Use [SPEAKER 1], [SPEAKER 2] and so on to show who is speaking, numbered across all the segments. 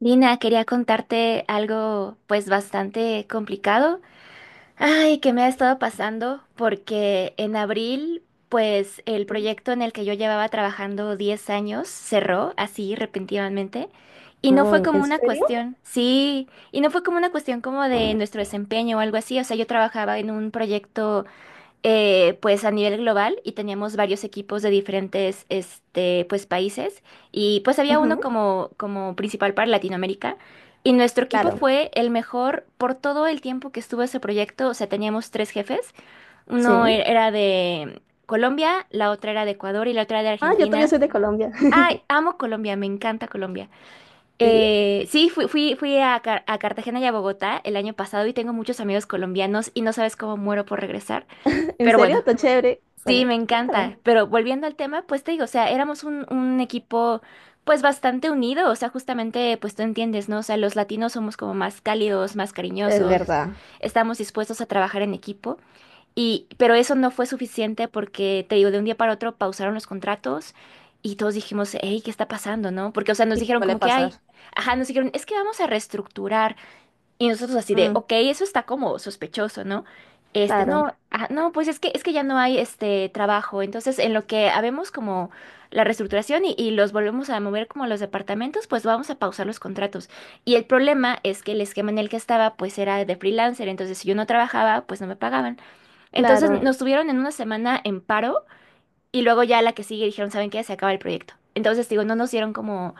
[SPEAKER 1] Lina, quería contarte algo pues bastante complicado. Ay, que me ha estado pasando porque en abril pues el proyecto en el que yo llevaba trabajando 10 años cerró así repentinamente y no fue
[SPEAKER 2] Ah,
[SPEAKER 1] como
[SPEAKER 2] ¿en
[SPEAKER 1] una
[SPEAKER 2] serio?
[SPEAKER 1] cuestión, sí, y no fue como una cuestión como de nuestro desempeño o algo así, o sea, yo trabajaba en un proyecto pues a nivel global y teníamos varios equipos de diferentes este, pues, países y pues había uno
[SPEAKER 2] Ujú,
[SPEAKER 1] como, como principal para Latinoamérica y nuestro equipo
[SPEAKER 2] claro.
[SPEAKER 1] fue el mejor por todo el tiempo que estuvo ese proyecto, o sea, teníamos tres jefes,
[SPEAKER 2] Sí.
[SPEAKER 1] era de Colombia, la otra era de Ecuador y la otra era de
[SPEAKER 2] Ah, yo todavía
[SPEAKER 1] Argentina.
[SPEAKER 2] soy de Colombia.
[SPEAKER 1] Ay, amo Colombia, me encanta Colombia.
[SPEAKER 2] ¿Sí?
[SPEAKER 1] Sí, fui a Cartagena y a Bogotá el año pasado y tengo muchos amigos colombianos y no sabes cómo muero por regresar.
[SPEAKER 2] ¿En
[SPEAKER 1] Pero
[SPEAKER 2] serio?
[SPEAKER 1] bueno,
[SPEAKER 2] Está chévere.
[SPEAKER 1] sí,
[SPEAKER 2] Bueno,
[SPEAKER 1] me encanta.
[SPEAKER 2] cuéntame.
[SPEAKER 1] Pero volviendo al tema, pues te digo, o sea, éramos un equipo pues bastante unido, o sea, justamente pues tú entiendes, ¿no? O sea, los latinos somos como más cálidos, más
[SPEAKER 2] Es
[SPEAKER 1] cariñosos,
[SPEAKER 2] verdad.
[SPEAKER 1] estamos dispuestos a trabajar en equipo y pero eso no fue suficiente porque te digo, de un día para otro pausaron los contratos y todos dijimos, hey, ¿qué está pasando, no? Porque, o sea, nos
[SPEAKER 2] Sí,
[SPEAKER 1] dijeron
[SPEAKER 2] suele
[SPEAKER 1] como que, ay,
[SPEAKER 2] pasar.
[SPEAKER 1] ajá, nos dijeron, es que vamos a reestructurar. Y nosotros así de,
[SPEAKER 2] Mm,
[SPEAKER 1] ok, eso está como sospechoso, ¿no? Este,
[SPEAKER 2] claro,
[SPEAKER 1] no, ah, no, pues es que ya no hay este trabajo. Entonces, en lo que habemos como la reestructuración y los volvemos a mover como a los departamentos, pues vamos a pausar los contratos. Y el problema es que el esquema en el que estaba, pues era de freelancer. Entonces, si yo no trabajaba, pues no me pagaban. Entonces,
[SPEAKER 2] claro.
[SPEAKER 1] nos tuvieron en una semana en paro y luego ya la que sigue dijeron, ¿saben qué? Se acaba el proyecto. Entonces, digo, no nos dieron como,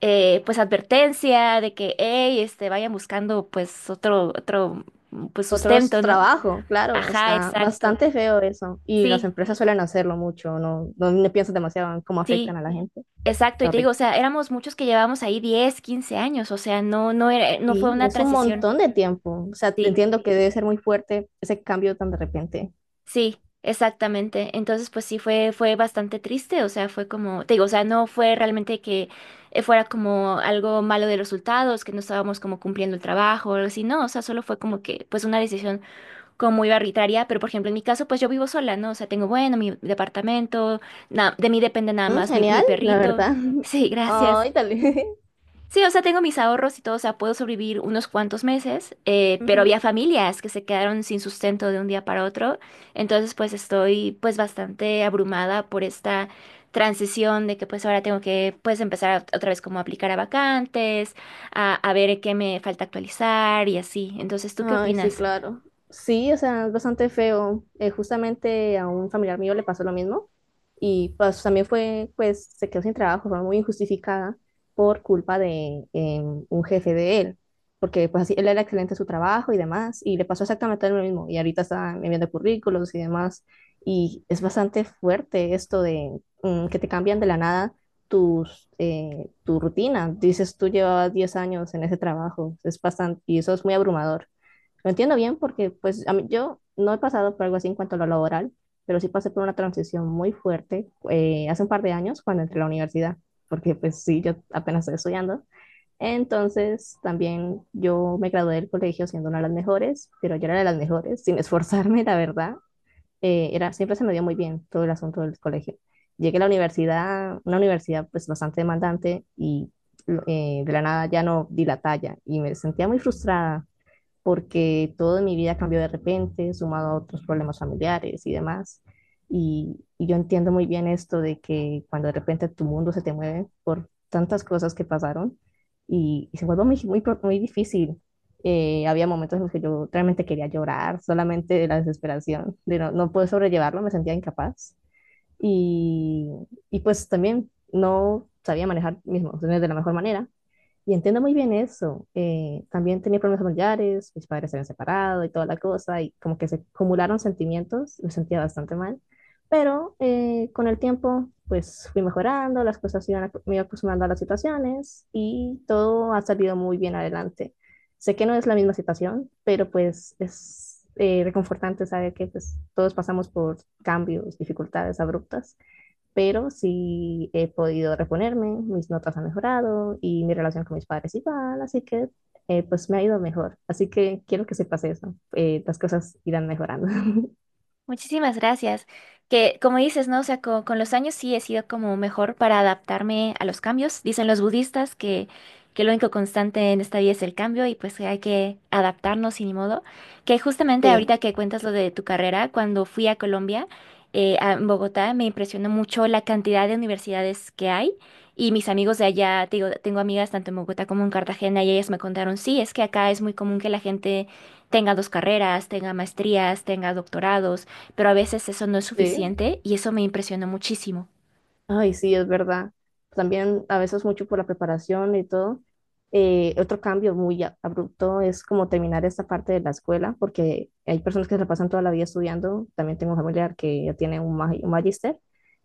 [SPEAKER 1] pues, advertencia de que, hey, este, vayan buscando, pues, otro, otro, mm, pues,
[SPEAKER 2] Otros
[SPEAKER 1] sustento, ¿no?
[SPEAKER 2] trabajo claro,
[SPEAKER 1] Ajá,
[SPEAKER 2] está
[SPEAKER 1] exacto.
[SPEAKER 2] bastante feo eso. Y las
[SPEAKER 1] Sí,
[SPEAKER 2] empresas suelen hacerlo mucho, no, no, le piensas demasiado en cómo afectan
[SPEAKER 1] sí,
[SPEAKER 2] a la gente.
[SPEAKER 1] exacto. Y te digo, o
[SPEAKER 2] Horrible.
[SPEAKER 1] sea, éramos muchos que llevábamos ahí 10 15 años, o sea, no, no era, no fue
[SPEAKER 2] Sí, y
[SPEAKER 1] una
[SPEAKER 2] es un
[SPEAKER 1] transición.
[SPEAKER 2] montón de tiempo. O sea, te
[SPEAKER 1] Sí.
[SPEAKER 2] entiendo que debe ser muy fuerte ese cambio tan de repente.
[SPEAKER 1] Sí, exactamente. Entonces, pues sí fue, fue bastante triste, o sea, fue como, te digo, o sea, no fue realmente que fuera como algo malo de los resultados, que no estábamos como cumpliendo el trabajo o algo así, no, o sea, solo fue como que, pues una decisión como muy arbitraria, pero por ejemplo, en mi caso, pues yo vivo sola, ¿no? O sea, tengo, bueno, mi departamento, de mí depende nada
[SPEAKER 2] Mm,
[SPEAKER 1] más mi, mi
[SPEAKER 2] genial, la
[SPEAKER 1] perrito.
[SPEAKER 2] verdad.
[SPEAKER 1] Sí, gracias.
[SPEAKER 2] Ay, dale.
[SPEAKER 1] Sí, o sea, tengo mis ahorros y todo, o sea, puedo sobrevivir unos cuantos meses, pero
[SPEAKER 2] Ujú.
[SPEAKER 1] había familias que se quedaron sin sustento de un día para otro, entonces pues estoy pues bastante abrumada por esta transición de que pues ahora tengo que pues otra vez como a aplicar a vacantes, a ver qué me falta actualizar y así. Entonces, ¿tú qué
[SPEAKER 2] Ay, sí,
[SPEAKER 1] opinas?
[SPEAKER 2] claro. Sí, o sea, es bastante feo. Justamente a un familiar mío le pasó lo mismo y pues también fue, pues se quedó sin trabajo, fue muy injustificada por culpa de un jefe de él, porque pues así, él era excelente en su trabajo y demás y le pasó exactamente lo mismo y ahorita está enviando currículos y demás y es bastante fuerte esto de que te cambian de la nada tu rutina. Dices, tú llevabas 10 años en ese trabajo, es bastante, y eso es muy abrumador. Lo entiendo bien porque pues yo no he pasado por algo así en cuanto a lo laboral, pero sí pasé por una transición muy fuerte hace un par de años cuando entré a la universidad, porque pues sí, yo apenas estoy estudiando. Entonces también yo me gradué del colegio siendo una de las mejores, pero yo era de las mejores sin esforzarme, la verdad. Siempre se me dio muy bien todo el asunto del colegio. Llegué a la universidad, una universidad pues bastante demandante y de la nada ya no di la talla y me sentía muy frustrada porque todo en mi vida cambió de repente, sumado a otros problemas familiares y demás. Y yo entiendo muy bien esto de que cuando de repente tu mundo se te mueve por tantas cosas que pasaron y se vuelve muy, muy, muy difícil. Había momentos en los que yo realmente quería llorar, solamente de la desesperación, de no, no poder sobrellevarlo, me sentía incapaz. Y, y pues también no sabía manejar mis emociones de la mejor manera y entiendo muy bien eso. También tenía problemas familiares, mis padres se habían separado y toda la cosa, y como que se acumularon sentimientos, me sentía bastante mal. Pero con el tiempo, pues fui mejorando, las cosas iban, me iba acostumbrando a las situaciones y todo ha salido muy bien adelante. Sé que no es la misma situación, pero pues es reconfortante saber que pues, todos pasamos por cambios, dificultades abruptas, pero sí he podido reponerme, mis notas han mejorado y mi relación con mis padres igual, así que pues me ha ido mejor. Así que quiero que sepas eso, las cosas irán mejorando.
[SPEAKER 1] Muchísimas gracias. Que como dices, ¿no? O sea, con, los años sí he sido como mejor para adaptarme a los cambios. Dicen los budistas que lo único constante en esta vida es el cambio y pues que hay que adaptarnos y ni modo. Que justamente
[SPEAKER 2] Sí,
[SPEAKER 1] ahorita que cuentas lo de tu carrera, cuando fui a Colombia, a en Bogotá, me impresionó mucho la cantidad de universidades que hay. Y mis amigos de allá, te digo, tengo amigas tanto en Bogotá como en Cartagena y ellas me contaron, sí, es que acá es muy común que la gente tenga dos carreras, tenga maestrías, tenga doctorados pero a veces eso no es
[SPEAKER 2] sí,
[SPEAKER 1] suficiente y eso me impresionó muchísimo.
[SPEAKER 2] ay, sí, es verdad. También a veces mucho por la preparación y todo. Otro cambio muy abrupto es como terminar esta parte de la escuela, porque hay personas que se la pasan toda la vida estudiando. También tengo un familiar que ya tiene un un magíster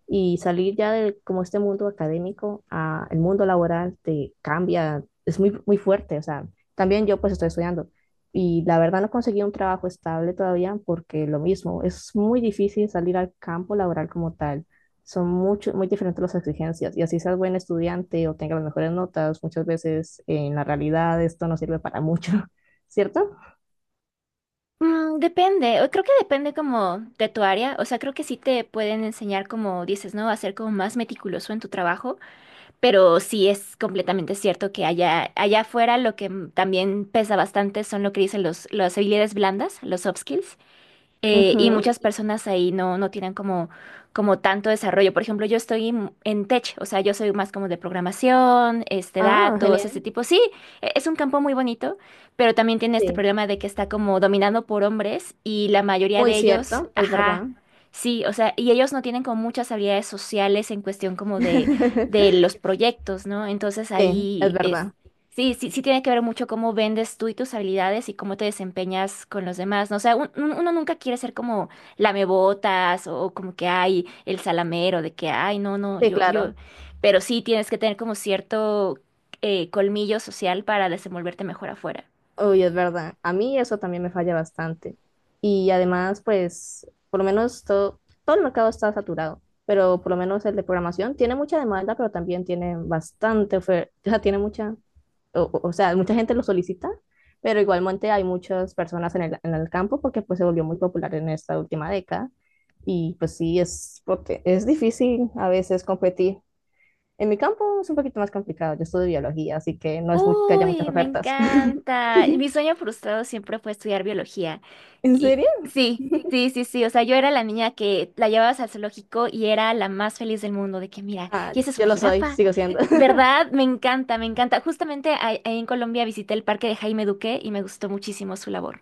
[SPEAKER 2] y salir ya de como este mundo académico a el mundo laboral te cambia, es muy, muy fuerte. O sea, también yo pues estoy estudiando y la verdad no conseguí un trabajo estable todavía porque lo mismo, es muy difícil salir al campo laboral como tal, son mucho, muy diferentes las exigencias. Y así seas buen estudiante o tengas las mejores notas, muchas veces en la realidad esto no sirve para mucho, ¿cierto?
[SPEAKER 1] Mm, depende, o creo que depende como de tu área, o sea, creo que sí te pueden enseñar como dices, ¿no? A ser como más meticuloso en tu trabajo, pero sí es completamente cierto que allá, allá afuera lo que mm, también pesa bastante son lo que dicen los, las habilidades blandas, los soft skills, y
[SPEAKER 2] Ujú.
[SPEAKER 1] muchas
[SPEAKER 2] Sí,
[SPEAKER 1] personas ahí no, no tienen como, como tanto desarrollo. Por ejemplo, yo estoy en tech, o sea, yo soy más como de programación, este,
[SPEAKER 2] ah,
[SPEAKER 1] datos, ese
[SPEAKER 2] genial.
[SPEAKER 1] tipo. Sí, es un campo muy bonito, pero también tiene este
[SPEAKER 2] Sí,
[SPEAKER 1] problema de que está como dominado por hombres y la mayoría
[SPEAKER 2] muy
[SPEAKER 1] de ellos,
[SPEAKER 2] cierto, es
[SPEAKER 1] ajá.
[SPEAKER 2] verdad.
[SPEAKER 1] Sí, o sea, y ellos no tienen como muchas habilidades sociales en cuestión como de los proyectos, ¿no? Entonces
[SPEAKER 2] Sí, es
[SPEAKER 1] ahí es,
[SPEAKER 2] verdad.
[SPEAKER 1] sí, sí, sí tiene que ver mucho cómo vendes tú y tus habilidades y cómo te desempeñas con los demás, ¿no? O sea, uno nunca quiere ser como lamebotas o como que hay el salamero de que, ay, no, no,
[SPEAKER 2] Sí,
[SPEAKER 1] yo,
[SPEAKER 2] claro.
[SPEAKER 1] yo, pero sí tienes que tener como cierto colmillo social para desenvolverte mejor afuera.
[SPEAKER 2] Uy, es verdad. A mí eso también me falla bastante. Y además, pues, por lo menos todo el mercado está saturado, pero por lo menos el de programación tiene mucha demanda, pero también tiene bastante oferta, tiene mucha, o sea, mucha gente lo solicita, pero igualmente hay muchas personas en el campo porque pues se volvió muy popular en esta última década y pues sí, es porque es difícil a veces competir. En mi campo es un poquito más complicado, yo estudio biología, así que no es muy, que haya muchas
[SPEAKER 1] Uy, me
[SPEAKER 2] ofertas.
[SPEAKER 1] encanta. Y mi sueño frustrado siempre fue estudiar biología.
[SPEAKER 2] ¿En
[SPEAKER 1] Y
[SPEAKER 2] serio?
[SPEAKER 1] sí, sí, sí, sí. O sea, yo era la niña que la llevabas al zoológico y era la más feliz del mundo de que, mira,
[SPEAKER 2] Ah,
[SPEAKER 1] y esa es
[SPEAKER 2] yo
[SPEAKER 1] una
[SPEAKER 2] lo soy,
[SPEAKER 1] jirafa.
[SPEAKER 2] sigo siendo.
[SPEAKER 1] ¿Verdad? Me encanta, me encanta. Justamente ahí en Colombia visité el parque de Jaime Duque y me gustó muchísimo su labor.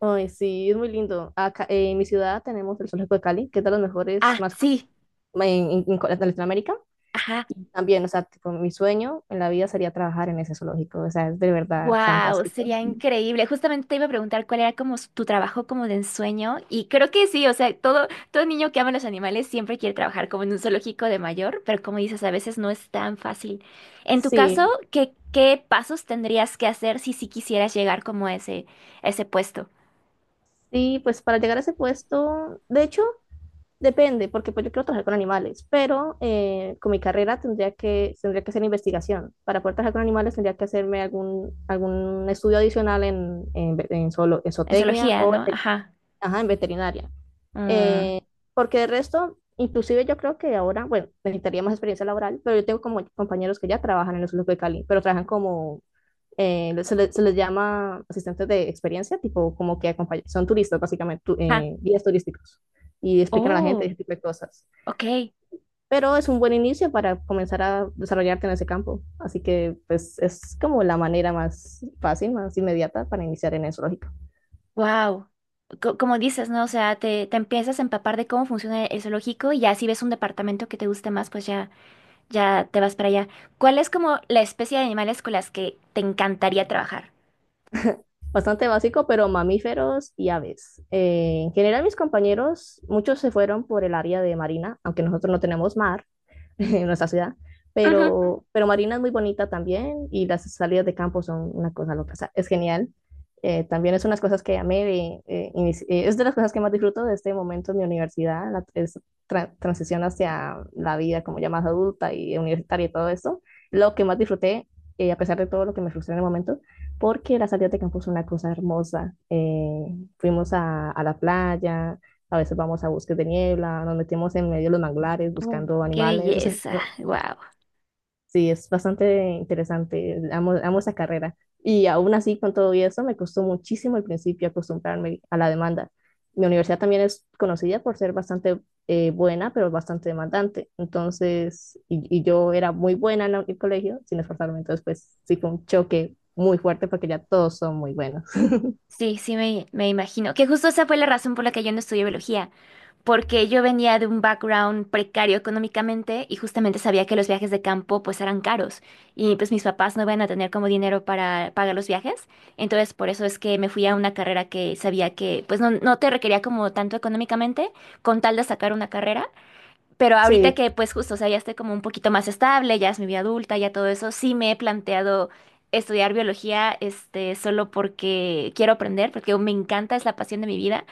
[SPEAKER 2] Ay, sí, es muy lindo. Acá, en mi ciudad tenemos el Zoológico de Cali, que es de los mejores
[SPEAKER 1] Ah,
[SPEAKER 2] más
[SPEAKER 1] sí,
[SPEAKER 2] en Latinoamérica.
[SPEAKER 1] ajá.
[SPEAKER 2] Y también, o sea, tipo, mi sueño en la vida sería trabajar en ese zoológico, o sea, es de verdad
[SPEAKER 1] Wow,
[SPEAKER 2] fantástico.
[SPEAKER 1] sería increíble. Justamente te iba a preguntar cuál era como tu trabajo como de ensueño y creo que sí, o sea, todo niño que ama los animales siempre quiere trabajar como en un zoológico de mayor, pero como dices, a veces no es tan fácil. En tu caso,
[SPEAKER 2] Sí,
[SPEAKER 1] ¿qué pasos tendrías que hacer si sí quisieras llegar como a ese puesto?
[SPEAKER 2] sí, pues para llegar a ese puesto, de hecho, depende, porque pues yo quiero trabajar con animales, pero con mi carrera tendría que hacer investigación. Para poder trabajar con animales tendría que hacerme algún estudio adicional en
[SPEAKER 1] En
[SPEAKER 2] zootecnia
[SPEAKER 1] zoología,
[SPEAKER 2] o
[SPEAKER 1] ¿no? Ajá.
[SPEAKER 2] ajá, en veterinaria.
[SPEAKER 1] Mm,
[SPEAKER 2] Eh, Porque de resto, inclusive yo creo que ahora, bueno, necesitaría más experiencia laboral, pero yo tengo como compañeros que ya trabajan en el sur de Cali, pero trabajan como, se les llama asistentes de experiencia, tipo como que son turistas, básicamente,
[SPEAKER 1] ajá.
[SPEAKER 2] guías turísticos, y explican a la gente
[SPEAKER 1] Oh.
[SPEAKER 2] ese tipo de cosas.
[SPEAKER 1] Ok,
[SPEAKER 2] Pero es un buen inicio para comenzar a desarrollarte en ese campo, así que pues es como la manera más fácil, más inmediata para iniciar en el zoológico.
[SPEAKER 1] wow. Como dices, ¿no? O sea, te empiezas a empapar de cómo funciona el zoológico y ya si ves un departamento que te guste más, pues ya, ya te vas para allá. ¿Cuál es como la especie de animales con las que te encantaría trabajar?
[SPEAKER 2] Bastante básico, pero mamíferos y aves. En general, mis compañeros, muchos se fueron por el área de marina, aunque nosotros no tenemos mar. En nuestra ciudad.
[SPEAKER 1] Ujú.
[SPEAKER 2] Pero Marina es muy bonita también y las salidas de campo son una cosa loca. O sea, es genial. También es unas cosas que amé es de las cosas que más disfruto de este momento en mi universidad, la transición hacia la vida como ya más adulta y universitaria y todo esto. Lo que más disfruté, a pesar de todo lo que me frustró en el momento, porque las salidas de campo son una cosa hermosa. Fuimos a la playa, a veces vamos a bosques de niebla, nos metemos en medio de los manglares buscando
[SPEAKER 1] Qué
[SPEAKER 2] animales. O sea,
[SPEAKER 1] belleza, wow.
[SPEAKER 2] sí, es bastante interesante, amo, amo esa carrera. Y aún así, con todo y eso, me costó muchísimo al principio acostumbrarme a la demanda. Mi universidad también es conocida por ser bastante buena, pero bastante demandante. Entonces, yo era muy buena en el colegio, sin esforzarme. Entonces, pues sí fue un choque muy fuerte porque ya todos son muy buenos.
[SPEAKER 1] Sí, sí, me imagino. Que justo esa fue la razón por la que yo no estudié biología. Porque yo venía de un background precario económicamente y justamente sabía que los viajes de campo pues eran caros y pues mis papás no iban a tener como dinero para pagar los viajes, entonces por eso es que me fui a una carrera que sabía que pues no, no te requería como tanto económicamente con tal de sacar una carrera, pero ahorita
[SPEAKER 2] Sí,
[SPEAKER 1] que pues justo, o sea, ya estoy como un poquito más estable, ya es mi vida adulta, ya todo eso, sí me he planteado... estudiar biología, este, solo porque quiero aprender, porque me encanta, es la pasión de mi vida.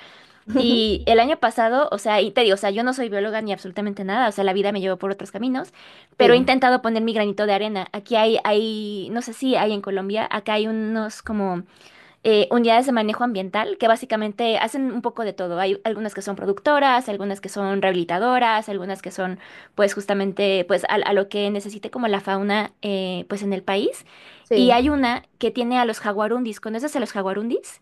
[SPEAKER 1] Y el año pasado, o sea, y te digo, o sea, yo no soy bióloga ni absolutamente nada, o sea, la vida me llevó por otros caminos, pero he
[SPEAKER 2] sí,
[SPEAKER 1] intentado poner mi granito de arena. Aquí hay, no sé si hay en Colombia, acá hay unos como unidades de manejo ambiental que básicamente hacen un poco de todo. Hay algunas que son productoras, algunas que son rehabilitadoras, algunas que son, pues, justamente, pues, a lo que necesite como la fauna, pues, en el país. Y
[SPEAKER 2] sí.
[SPEAKER 1] hay una que tiene a los jaguarundis. ¿Conoces a los jaguarundis?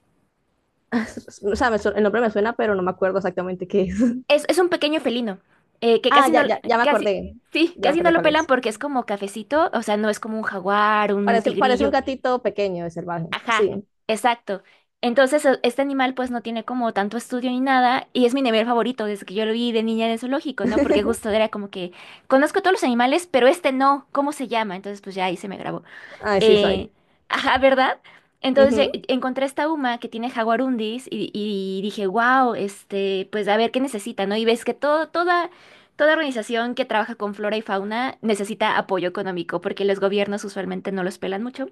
[SPEAKER 2] O sea, el nombre me suena, pero no me acuerdo exactamente qué es.
[SPEAKER 1] Es un pequeño felino, que
[SPEAKER 2] Ah,
[SPEAKER 1] casi no,
[SPEAKER 2] ya, ya, ya me
[SPEAKER 1] casi,
[SPEAKER 2] acordé.
[SPEAKER 1] sí,
[SPEAKER 2] Ya me
[SPEAKER 1] casi no
[SPEAKER 2] acordé
[SPEAKER 1] lo
[SPEAKER 2] cuál
[SPEAKER 1] pelan
[SPEAKER 2] es.
[SPEAKER 1] porque es como cafecito, o sea, no es como un jaguar, un
[SPEAKER 2] Parece, parece un
[SPEAKER 1] tigrillo.
[SPEAKER 2] gatito pequeño de salvaje.
[SPEAKER 1] Ajá,
[SPEAKER 2] Sí.
[SPEAKER 1] exacto. Entonces, este animal pues no tiene como tanto estudio ni nada, y es mi nivel favorito desde que yo lo vi de niña en el zoológico, ¿no? Porque justo era como que conozco todos los animales, pero este no, ¿cómo se llama? Entonces, pues ya ahí se me grabó.
[SPEAKER 2] Ay, sí
[SPEAKER 1] Eh,
[SPEAKER 2] soy.
[SPEAKER 1] ajá, ¿verdad? Entonces
[SPEAKER 2] Ujú.
[SPEAKER 1] encontré esta UMA que tiene jaguarundis y dije, wow, este, pues a ver qué necesita, ¿no? Y ves que todo, toda, toda organización que trabaja con flora y fauna necesita apoyo económico porque los gobiernos usualmente no los pelan mucho.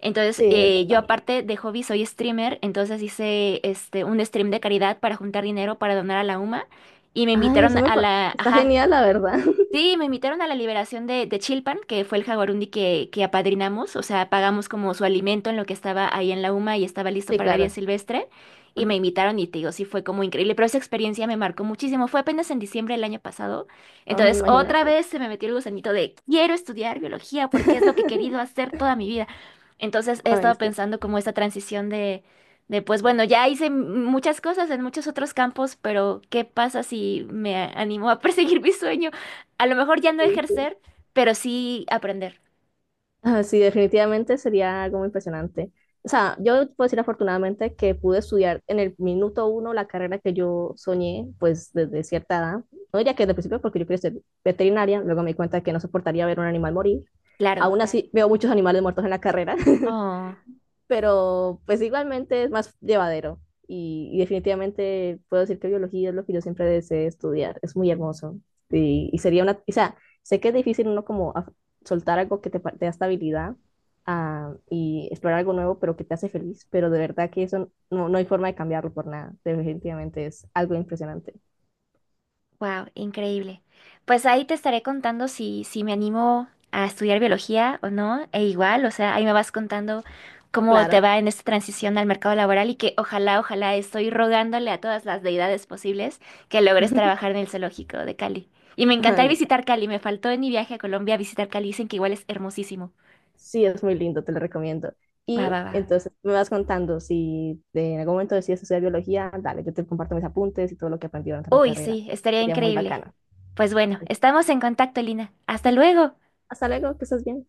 [SPEAKER 1] Entonces,
[SPEAKER 2] Sí, es
[SPEAKER 1] yo
[SPEAKER 2] verdad.
[SPEAKER 1] aparte de hobby soy streamer, entonces hice este, un stream de caridad para juntar dinero para donar a la UMA y me
[SPEAKER 2] Ay,
[SPEAKER 1] invitaron a la,
[SPEAKER 2] está
[SPEAKER 1] ajá,
[SPEAKER 2] genial, la verdad.
[SPEAKER 1] sí, me invitaron a la liberación de Chilpan, que fue el jaguarundi que apadrinamos, o sea, pagamos como su alimento en lo que estaba ahí en la UMA y estaba listo
[SPEAKER 2] Sí,
[SPEAKER 1] para la vida
[SPEAKER 2] claro.
[SPEAKER 1] silvestre, y me invitaron y te digo, sí fue como increíble, pero esa experiencia me marcó muchísimo, fue apenas en diciembre del año pasado,
[SPEAKER 2] Ay,
[SPEAKER 1] entonces otra
[SPEAKER 2] imagínate.
[SPEAKER 1] vez se me metió el gusanito de quiero estudiar biología porque es lo que he querido hacer toda mi vida, entonces he
[SPEAKER 2] Ay,
[SPEAKER 1] estado
[SPEAKER 2] sí.
[SPEAKER 1] pensando como esta transición de pues bueno, ya hice muchas cosas en muchos otros campos, pero ¿qué pasa si me animo a perseguir mi sueño? A lo mejor ya no
[SPEAKER 2] Sí, sí.
[SPEAKER 1] ejercer, pero sí aprender.
[SPEAKER 2] Ah, sí, definitivamente sería algo muy impresionante. O sea, yo puedo decir afortunadamente que pude estudiar en el minuto uno la carrera que yo soñé, pues desde cierta edad. No diría que desde el principio, porque yo quería ser veterinaria, luego me di cuenta que no soportaría ver un animal morir.
[SPEAKER 1] Claro.
[SPEAKER 2] Aún, claro, así, veo muchos animales muertos en la carrera.
[SPEAKER 1] Oh,
[SPEAKER 2] Pero pues igualmente es más llevadero y definitivamente puedo decir que biología es lo que yo siempre deseé estudiar, es muy hermoso y sería una, o sea, sé que es difícil uno como soltar algo que te da estabilidad, y explorar algo nuevo, pero que te hace feliz, pero de verdad que eso no, no hay forma de cambiarlo por nada, definitivamente es algo impresionante.
[SPEAKER 1] wow, increíble. Pues ahí te estaré contando si, si me animo a estudiar biología o no, e igual, o sea, ahí me vas contando cómo te
[SPEAKER 2] Claro.
[SPEAKER 1] va en esta transición al mercado laboral y que ojalá, ojalá estoy rogándole a todas las deidades posibles que logres trabajar en el zoológico de Cali. Y me encantaría
[SPEAKER 2] Ay,
[SPEAKER 1] visitar Cali, me faltó en mi viaje a Colombia visitar Cali, dicen que igual es hermosísimo.
[SPEAKER 2] sí, es muy lindo, te lo recomiendo.
[SPEAKER 1] Va,
[SPEAKER 2] Y
[SPEAKER 1] va, va.
[SPEAKER 2] entonces me vas contando si en algún momento decides estudiar biología, dale, yo te comparto mis apuntes y todo lo que aprendí durante la
[SPEAKER 1] Uy,
[SPEAKER 2] carrera.
[SPEAKER 1] sí, estaría
[SPEAKER 2] Sería muy
[SPEAKER 1] increíble.
[SPEAKER 2] bacana.
[SPEAKER 1] Pues bueno, estamos en contacto, Lina. Hasta luego.
[SPEAKER 2] Hasta luego, que estés bien.